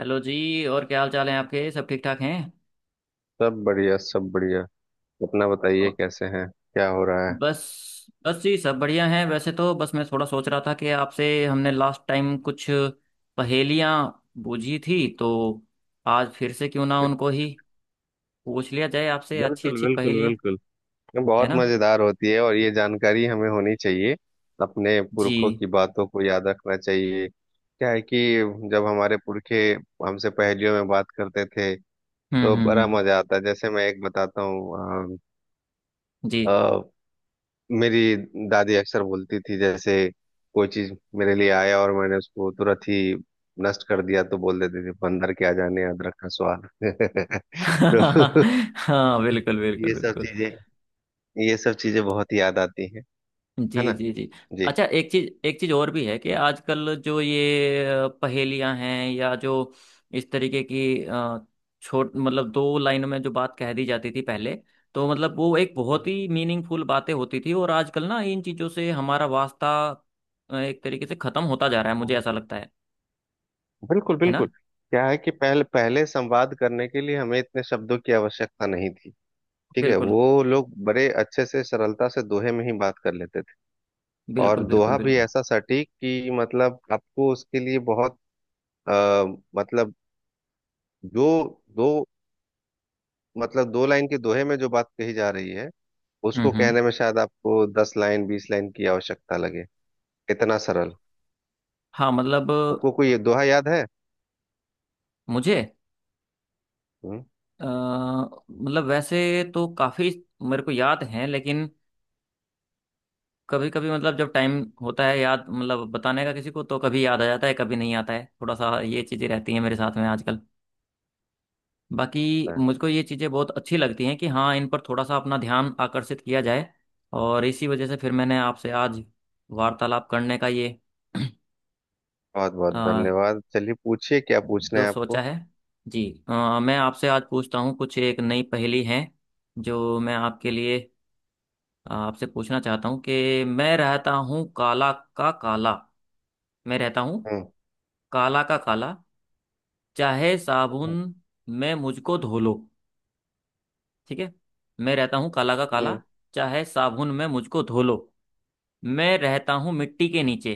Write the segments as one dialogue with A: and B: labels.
A: Hello जी, और क्या हाल चाल है आपके? सब ठीक ठाक हैं?
B: सब बढ़िया सब बढ़िया। अपना बताइए
A: और।
B: कैसे हैं, क्या हो रहा है?
A: बस बस जी, सब बढ़िया हैं। वैसे तो बस मैं थोड़ा सोच रहा था कि आपसे हमने लास्ट टाइम कुछ पहेलियां बूझी थी, तो आज फिर से क्यों ना उनको ही पूछ लिया जाए, आपसे अच्छी
B: बिल्कुल
A: अच्छी
B: बिल्कुल
A: पहेलियां।
B: बिल्कुल। ये
A: है
B: बहुत
A: ना?
B: मजेदार होती है और ये जानकारी हमें होनी चाहिए। अपने पुरखों की
A: जी।
B: बातों को याद रखना चाहिए। क्या है कि जब हमारे पुरखे हमसे पहेलियों में बात करते थे तो बड़ा
A: हम्म।
B: मजा आता है। जैसे मैं एक बताता हूँ।
A: जी।
B: मेरी दादी अक्सर बोलती थी, जैसे कोई चीज मेरे लिए आया और मैंने उसको तुरंत ही नष्ट कर दिया, तो बोल देती थी बंदर क्या जाने अदरक का स्वाद। तो
A: हाँ, बिल्कुल बिल्कुल
B: ये सब
A: बिल्कुल।
B: चीजें, ये सब चीजें बहुत याद आती हैं। है
A: जी
B: ना।
A: जी जी।
B: जी।
A: अच्छा, एक चीज और भी है कि आजकल जो ये पहेलियां हैं या जो इस तरीके की छोट मतलब दो लाइनों में जो बात कह दी जाती थी पहले, तो मतलब वो एक बहुत
B: हम्म।
A: ही मीनिंगफुल बातें होती थी। और आजकल ना इन चीजों से हमारा वास्ता एक तरीके से खत्म होता जा रहा है, मुझे
B: हम्म।
A: ऐसा लगता है।
B: बिल्कुल
A: है
B: बिल्कुल।
A: ना?
B: क्या है कि पहले पहले संवाद करने के लिए हमें इतने शब्दों की आवश्यकता नहीं थी। ठीक है,
A: बिल्कुल
B: वो लोग बड़े अच्छे से सरलता से दोहे में ही बात कर लेते। और
A: बिल्कुल बिल्कुल
B: दोहा भी
A: बिल्कुल।
B: ऐसा सटीक कि मतलब आपको उसके लिए बहुत अ, मतलब जो दो मतलब दो लाइन के दोहे में जो बात कही जा रही है, उसको
A: हम्म।
B: कहने में शायद आपको 10 लाइन 20 लाइन की आवश्यकता लगे। इतना सरल।
A: हाँ, मतलब
B: आपको कोई ये दोहा याद है?
A: मुझे
B: हम्म।
A: मतलब वैसे तो काफी मेरे को याद है, लेकिन कभी कभी, मतलब जब टाइम होता है याद मतलब बताने का किसी को, तो कभी याद आ जाता है, कभी नहीं आता है। थोड़ा सा ये चीज़ें रहती हैं मेरे साथ में आजकल। बाकी
B: हाँ।
A: मुझको ये चीज़ें बहुत अच्छी लगती हैं कि हाँ, इन पर थोड़ा सा अपना ध्यान आकर्षित किया जाए। और इसी वजह से फिर मैंने आपसे आज वार्तालाप करने का ये
B: बहुत बहुत
A: अ,
B: धन्यवाद। चलिए पूछिए क्या पूछना
A: जो
B: है
A: सोचा
B: आपको।
A: है। जी, मैं आपसे आज पूछता हूँ कुछ, एक नई पहेली है जो मैं आपके लिए, आपसे पूछना चाहता हूँ कि मैं रहता हूँ काला का काला। मैं रहता हूँ
B: हम्म।
A: काला का काला, चाहे साबुन
B: हम्म।
A: में मुझको धो लो। ठीक है। मैं रहता हूँ काला का काला,
B: हम्म।
A: चाहे साबुन में मुझको धो लो। मैं रहता हूँ मिट्टी के नीचे।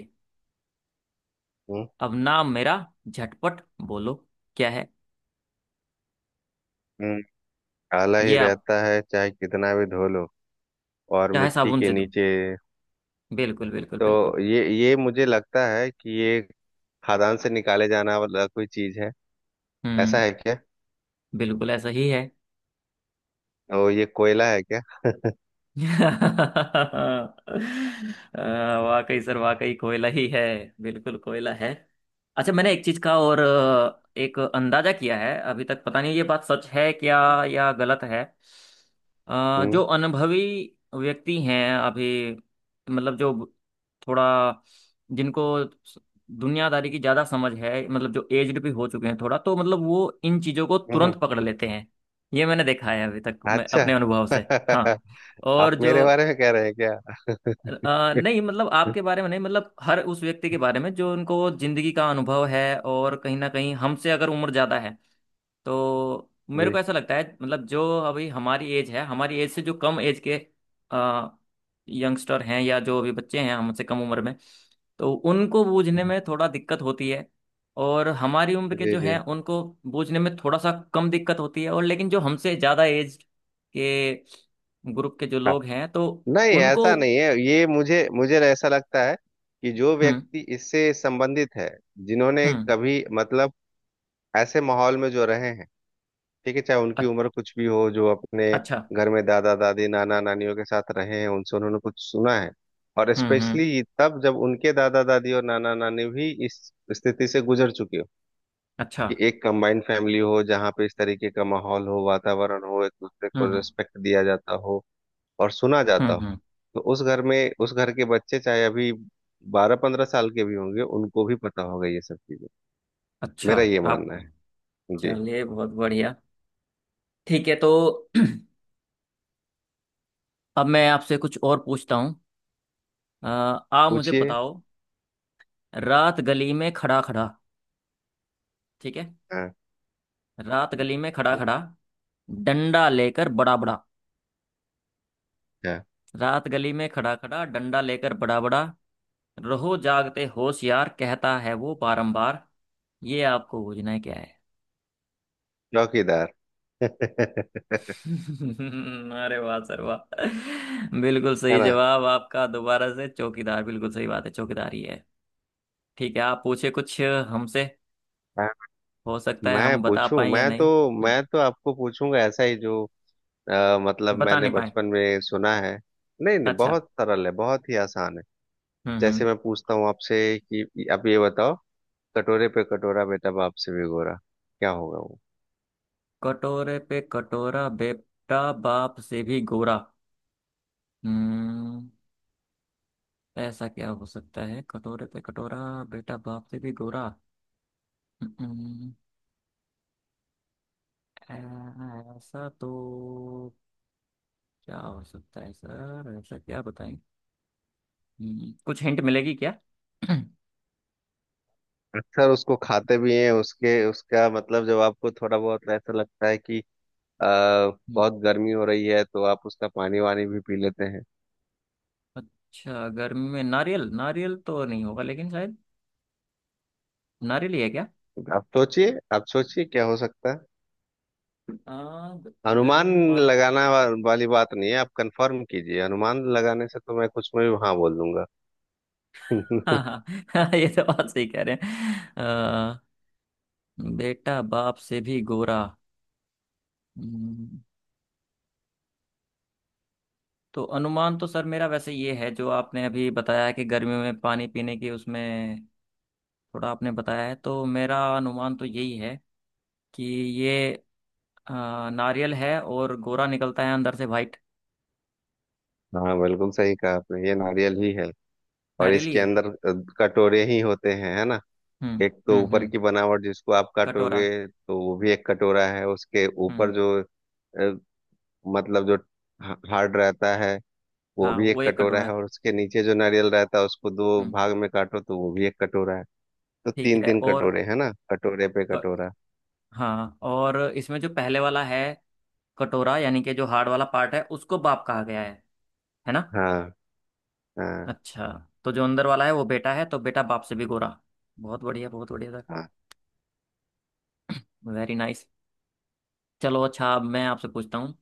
B: हम्म,
A: अब नाम मेरा झटपट बोलो, क्या है?
B: हम्म। काला
A: ये
B: ही
A: आप।
B: रहता है चाहे कितना भी धो लो, और
A: चाहे
B: मिट्टी
A: साबुन
B: के
A: से दो।
B: नीचे।
A: बिल्कुल बिल्कुल बिल्कुल।
B: तो ये मुझे लगता है कि ये खदान से निकाले जाना वाला कोई चीज है। ऐसा
A: हम्म।
B: है क्या?
A: बिल्कुल ऐसा ही है।
B: ओ ये कोयला है क्या?
A: अ, वाकई सर, वाकई कोयला ही है। बिल्कुल कोयला है। अच्छा, मैंने एक चीज का और एक अंदाजा किया है। अभी तक पता नहीं ये बात सच है क्या या गलत है। जो
B: हम्म।
A: अनुभवी व्यक्ति हैं अभी, मतलब जो थोड़ा, जिनको दुनियादारी की ज्यादा समझ है, मतलब जो एज्ड भी हो चुके हैं थोड़ा, तो मतलब वो इन चीजों को
B: हम्म, हम्म।
A: तुरंत पकड़ लेते हैं। ये मैंने देखा है अभी तक मैं
B: अच्छा।
A: अपने अनुभव से। हाँ।
B: आप
A: और जो
B: मेरे बारे में कह रहे हैं क्या?
A: नहीं, मतलब आपके बारे में नहीं, मतलब हर उस व्यक्ति के बारे में जो, उनको जिंदगी का अनुभव है और कहीं ना कहीं हमसे अगर उम्र ज्यादा है, तो मेरे
B: जी
A: को ऐसा लगता है। मतलब जो अभी हमारी एज है, हमारी एज से जो कम एज के यंगस्टर हैं या जो अभी बच्चे हैं हमसे कम उम्र में, तो उनको बूझने में थोड़ा दिक्कत होती है। और हमारी उम्र के
B: जी
A: जो
B: जी।
A: हैं उनको बूझने में थोड़ा सा कम दिक्कत होती है। और लेकिन जो हमसे ज़्यादा एज के ग्रुप के जो
B: हाँ।
A: लोग हैं, तो
B: नहीं,
A: उनको।
B: ऐसा नहीं है। ये मुझे मुझे ऐसा लगता है कि जो
A: हम्म
B: व्यक्ति इससे संबंधित है, जिन्होंने
A: हम्म।
B: कभी मतलब ऐसे माहौल में जो रहे हैं। ठीक है, चाहे उनकी
A: अ-
B: उम्र कुछ भी हो, जो अपने
A: अच्छा।
B: घर में दादा दादी नाना नानियों के साथ रहे हैं, उनसे उन्होंने कुछ सुना है। और
A: हम्म।
B: स्पेशली तब जब उनके दादा दादी और नाना नानी भी इस स्थिति से गुजर चुके हो।
A: अच्छा।
B: कि एक कंबाइंड फैमिली हो जहाँ पे इस तरीके का माहौल हो, वातावरण हो, एक दूसरे
A: हम्म
B: को
A: हम्म
B: रिस्पेक्ट दिया जाता हो और सुना जाता हो।
A: हम्म।
B: तो उस घर में उस घर के बच्चे चाहे अभी 12-15 साल के भी होंगे, उनको भी पता होगा ये सब चीजें।
A: अच्छा।
B: मेरा ये मानना
A: आपको।
B: है। जी,
A: चलिए, बहुत बढ़िया। ठीक है, तो अब मैं आपसे कुछ और पूछता हूँ। अ, आप मुझे
B: पूछिए।
A: बताओ, रात गली में खड़ा खड़ा। ठीक है।
B: हाँ।
A: रात गली में खड़ा खड़ा, डंडा लेकर बड़ा बड़ा।
B: अच्छा।
A: रात गली में खड़ा खड़ा, डंडा लेकर बड़ा बड़ा, रहो जागते होशियार कहता है वो बारंबार। ये आपको बूझना है, क्या है?
B: चौकीदार। है
A: अरे वाह सर, वाह। बिल्कुल सही
B: ना।
A: जवाब आपका, दोबारा से। चौकीदार बिल्कुल सही बात है, चौकीदार ही है। ठीक है, आप पूछे कुछ हमसे।
B: मैं
A: हो सकता है
B: मैं
A: हम बता
B: पूछूं,
A: पाए या
B: मैं
A: नहीं।
B: तो
A: हम्म।
B: मैं तो आपको पूछूंगा ऐसा ही जो मतलब
A: बता
B: मैंने
A: नहीं पाए।
B: बचपन में सुना है। नहीं नहीं,
A: अच्छा।
B: बहुत सरल है, बहुत ही आसान है। जैसे
A: हम्म।
B: मैं पूछता हूँ आपसे कि आप ये बताओ, कटोरे पे कटोरा बेटा बाप से भी गोरा। क्या होगा वो?
A: कटोरे पे कटोरा, बेटा बाप से भी गोरा। हम्म। ऐसा क्या हो सकता है? कटोरे पे कटोरा, बेटा बाप से भी गोरा। हम्म। ऐसा तो क्या हो सकता है? सर, ऐसा क्या बताएं? कुछ हिंट मिलेगी क्या?
B: अक्सर उसको खाते भी हैं। उसके उसका मतलब जब आपको थोड़ा बहुत ऐसा लगता है कि आ,
A: हम्म।
B: बहुत गर्मी हो रही है तो आप उसका पानी वानी भी पी लेते हैं।
A: अच्छा, गर्मी में नारियल, नारियल तो नहीं होगा, लेकिन शायद नारियल ही है क्या?
B: आप सोचिए, आप सोचिए, क्या हो सकता है?
A: आ, गर्मी
B: अनुमान
A: में पान।
B: लगाना वाली बात नहीं है, आप कंफर्म कीजिए। अनुमान लगाने से तो मैं कुछ में भी हाँ बोल दूंगा।
A: हाँ हाँ। ये तो बात सही कह रहे हैं। बेटा बाप से भी गोरा। हम्म। तो अनुमान तो सर मेरा वैसे ये है, जो आपने अभी बताया है कि गर्मियों में पानी पीने की उसमें थोड़ा आपने बताया है, तो मेरा अनुमान तो यही है कि ये अ, नारियल है, और गोरा निकलता है अंदर से वाइट।
B: हाँ, बिल्कुल सही कहा आपने, ये नारियल ही है। और
A: नारियल ही
B: इसके
A: है।
B: अंदर कटोरे ही होते हैं, है ना।
A: हम्म
B: एक तो ऊपर
A: हम्म।
B: की बनावट जिसको आप
A: कटोरा।
B: काटोगे तो वो भी एक कटोरा है, उसके ऊपर
A: हम्म।
B: जो अ, मतलब जो हार्ड रहता है, वो
A: हाँ,
B: भी
A: वो
B: एक
A: एक
B: कटोरा
A: कटोरा
B: है।
A: है।
B: और उसके नीचे जो नारियल रहता है, उसको दो
A: हम्म।
B: भाग में काटो तो वो भी एक कटोरा है। तो
A: ठीक
B: तीन
A: है।
B: तीन
A: और
B: कटोरे, है ना। कटोरे पे
A: क-
B: कटोरा।
A: हाँ, और इसमें जो पहले वाला है कटोरा, यानी कि जो हार्ड वाला पार्ट है, उसको बाप कहा गया है ना?
B: हाँ हाँ
A: अच्छा, तो जो अंदर वाला है वो बेटा है, तो बेटा बाप से भी गोरा। बहुत बढ़िया, बहुत बढ़िया सर।
B: हाँ
A: वेरी नाइस। चलो अच्छा, अब मैं आपसे पूछता हूँ।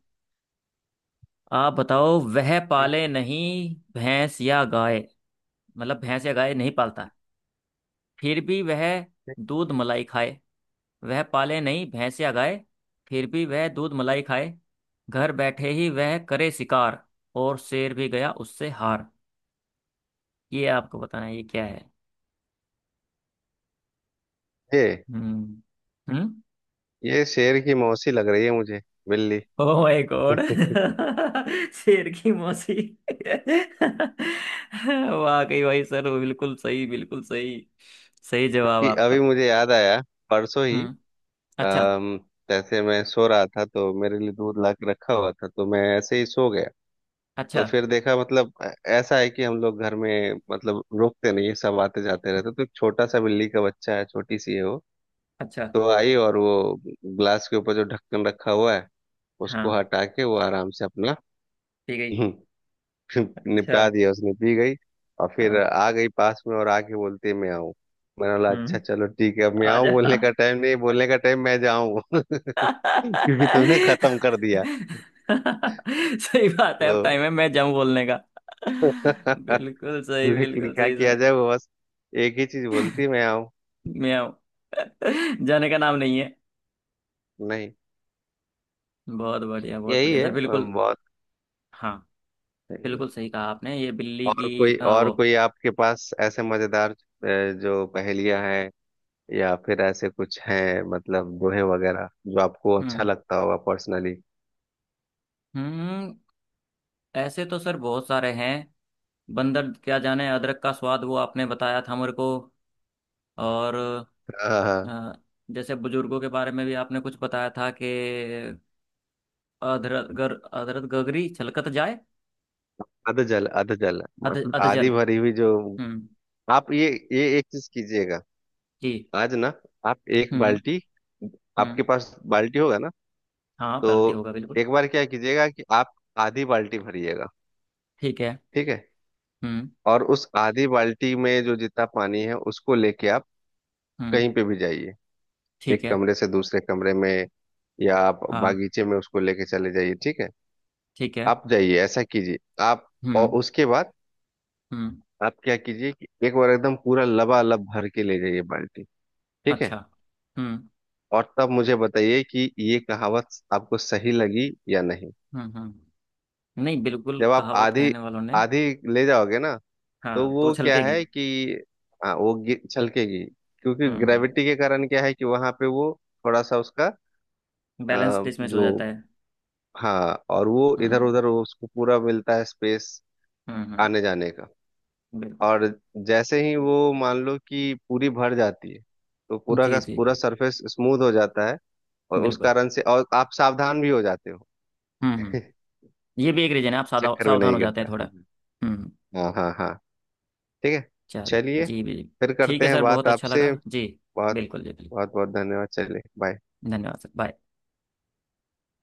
A: आप बताओ, वह
B: ठीक
A: पाले नहीं भैंस या गाय, मतलब भैंस या गाय नहीं पालता, फिर भी वह दूध मलाई खाए। वह पाले नहीं भैंस या गाय, फिर भी वह दूध मलाई खाए, घर बैठे ही वह करे शिकार, और शेर भी गया उससे हार। ये आपको बताना है, ये क्या है?
B: है।
A: हम्म हम्म।
B: ये शेर की मौसी लग रही है मुझे। बिल्ली।
A: ओ माय गॉड, शेर की मौसी। वाकई भाई सर, वो बिल्कुल सही, बिल्कुल सही। सही जवाब
B: क्योंकि अभी
A: आपका।
B: मुझे याद आया, परसों ही
A: हम्म। अच्छा।
B: अम, जैसे मैं सो रहा था तो मेरे लिए दूध ला के रखा हुआ था तो मैं ऐसे ही सो गया।
A: अच्छा।
B: तो फिर देखा, मतलब ऐसा है कि हम लोग घर में मतलब रुकते नहीं है, सब आते जाते रहते। तो एक छोटा सा बिल्ली का बच्चा है, छोटी सी है वो।
A: अच्छा।
B: तो आई और वो ग्लास के ऊपर जो ढक्कन रखा हुआ है, उसको
A: हाँ।
B: हटा के वो आराम से अपना
A: ठीक है। अच्छा।
B: निपटा दिया उसने, पी गई। और फिर
A: हाँ।
B: आ गई पास में और आके बोलती है मैं आऊं। मैंने बोला अच्छा
A: हम्म।
B: चलो ठीक है, अब मैं आऊं
A: आजा।
B: बोलने का टाइम नहीं, बोलने का टाइम मैं जाऊं। क्योंकि तुमने खत्म कर दिया।
A: सही बात है,
B: तो
A: अब टाइम है मैं जाऊं बोलने का। बिल्कुल सही,
B: लेकिन
A: बिल्कुल
B: क्या
A: सही
B: किया
A: सर।
B: जाए, वो बस एक ही चीज बोलती है, मैं आऊं।
A: मैं आऊं। जाने का नाम नहीं है।
B: नहीं।
A: बहुत बढ़िया, बहुत
B: यही
A: बढ़िया
B: है।
A: सर, बिल्कुल।
B: बहुत
A: हाँ,
B: सही है।
A: बिल्कुल सही कहा आपने, ये बिल्ली
B: और
A: की
B: कोई, और
A: वो।
B: कोई आपके पास ऐसे मजेदार जो पहेलियां हैं या फिर ऐसे कुछ हैं, मतलब दोहे वगैरह जो आपको अच्छा
A: हम्म
B: लगता होगा पर्सनली?
A: हम्म। ऐसे तो सर बहुत सारे हैं। बंदर क्या जाने अदरक का स्वाद, वो आपने बताया था मेरे को। और
B: हाँ हाँ।
A: अ, जैसे बुजुर्गों के बारे में भी आपने कुछ बताया था कि, अदरक गर अदरक गगरी छलकत जाए।
B: आधा जल, आधा जल
A: अध
B: मतलब आधी
A: अधजल।
B: भरी हुई जो।
A: हम्म।
B: आप ये एक चीज कीजिएगा
A: जी।
B: आज ना। आप एक
A: हम्म
B: बाल्टी, आपके
A: हम्म।
B: पास बाल्टी होगा ना?
A: हाँ, पेनल्टी
B: तो
A: होगा बिल्कुल।
B: एक बार क्या कीजिएगा कि आप आधी बाल्टी भरिएगा।
A: ठीक है।
B: ठीक है।
A: हम्म
B: और उस आधी बाल्टी में जो जितना पानी है उसको लेके आप
A: हम्म।
B: कहीं पे भी जाइए,
A: ठीक
B: एक
A: है।
B: कमरे से दूसरे कमरे में, या आप
A: हाँ,
B: बागीचे में उसको लेके चले जाइए ठीक है।
A: ठीक है।
B: आप जाइए, ऐसा कीजिए आप। और
A: हम्म
B: उसके बाद
A: हम्म।
B: आप क्या कीजिए कि एक बार एकदम पूरा लबालब भर के ले जाइए बाल्टी, ठीक है।
A: अच्छा। हम्म
B: और तब मुझे बताइए कि ये कहावत आपको सही लगी या नहीं।
A: हम्म। नहीं, बिल्कुल
B: जब आप
A: कहावत
B: आधी
A: कहने वालों ने।
B: आधी ले जाओगे ना, तो
A: हाँ, तो
B: वो क्या
A: छलकेगी।
B: है कि, हाँ वो छलकेगी। क्योंकि
A: हम्म।
B: ग्रेविटी के कारण क्या है कि वहां पे वो थोड़ा सा उसका
A: बैलेंस डिसमिस हो जाता
B: जो,
A: है।
B: हाँ, और वो इधर
A: हम्म
B: उधर उसको पूरा मिलता है स्पेस
A: हम्म।
B: आने जाने का।
A: बिल्कुल।
B: और जैसे ही वो मान लो कि पूरी भर जाती है, तो पूरा
A: जी
B: का
A: जी
B: पूरा
A: जी।
B: सरफेस स्मूथ हो जाता है। और उस
A: बिल्कुल।
B: कारण से और आप सावधान भी हो जाते हो।
A: हम्म। ये भी एक रीजन है, आप साधा
B: चक्कर में
A: सावधान
B: नहीं
A: हो जाते
B: गिरता,
A: हैं
B: हाँ।
A: थोड़ा। हम्म।
B: हाँ हाँ हाँ ठीक है।
A: चल
B: चलिए
A: जी जी।
B: फिर
A: ठीक
B: करते
A: है
B: हैं
A: सर,
B: बात
A: बहुत अच्छा
B: आपसे।
A: लगा
B: बहुत
A: जी।
B: बहुत,
A: बिल्कुल जी, बिल्कुल।
B: बहुत बहुत धन्यवाद। चलिए बाय।
A: धन्यवाद सर, बाय।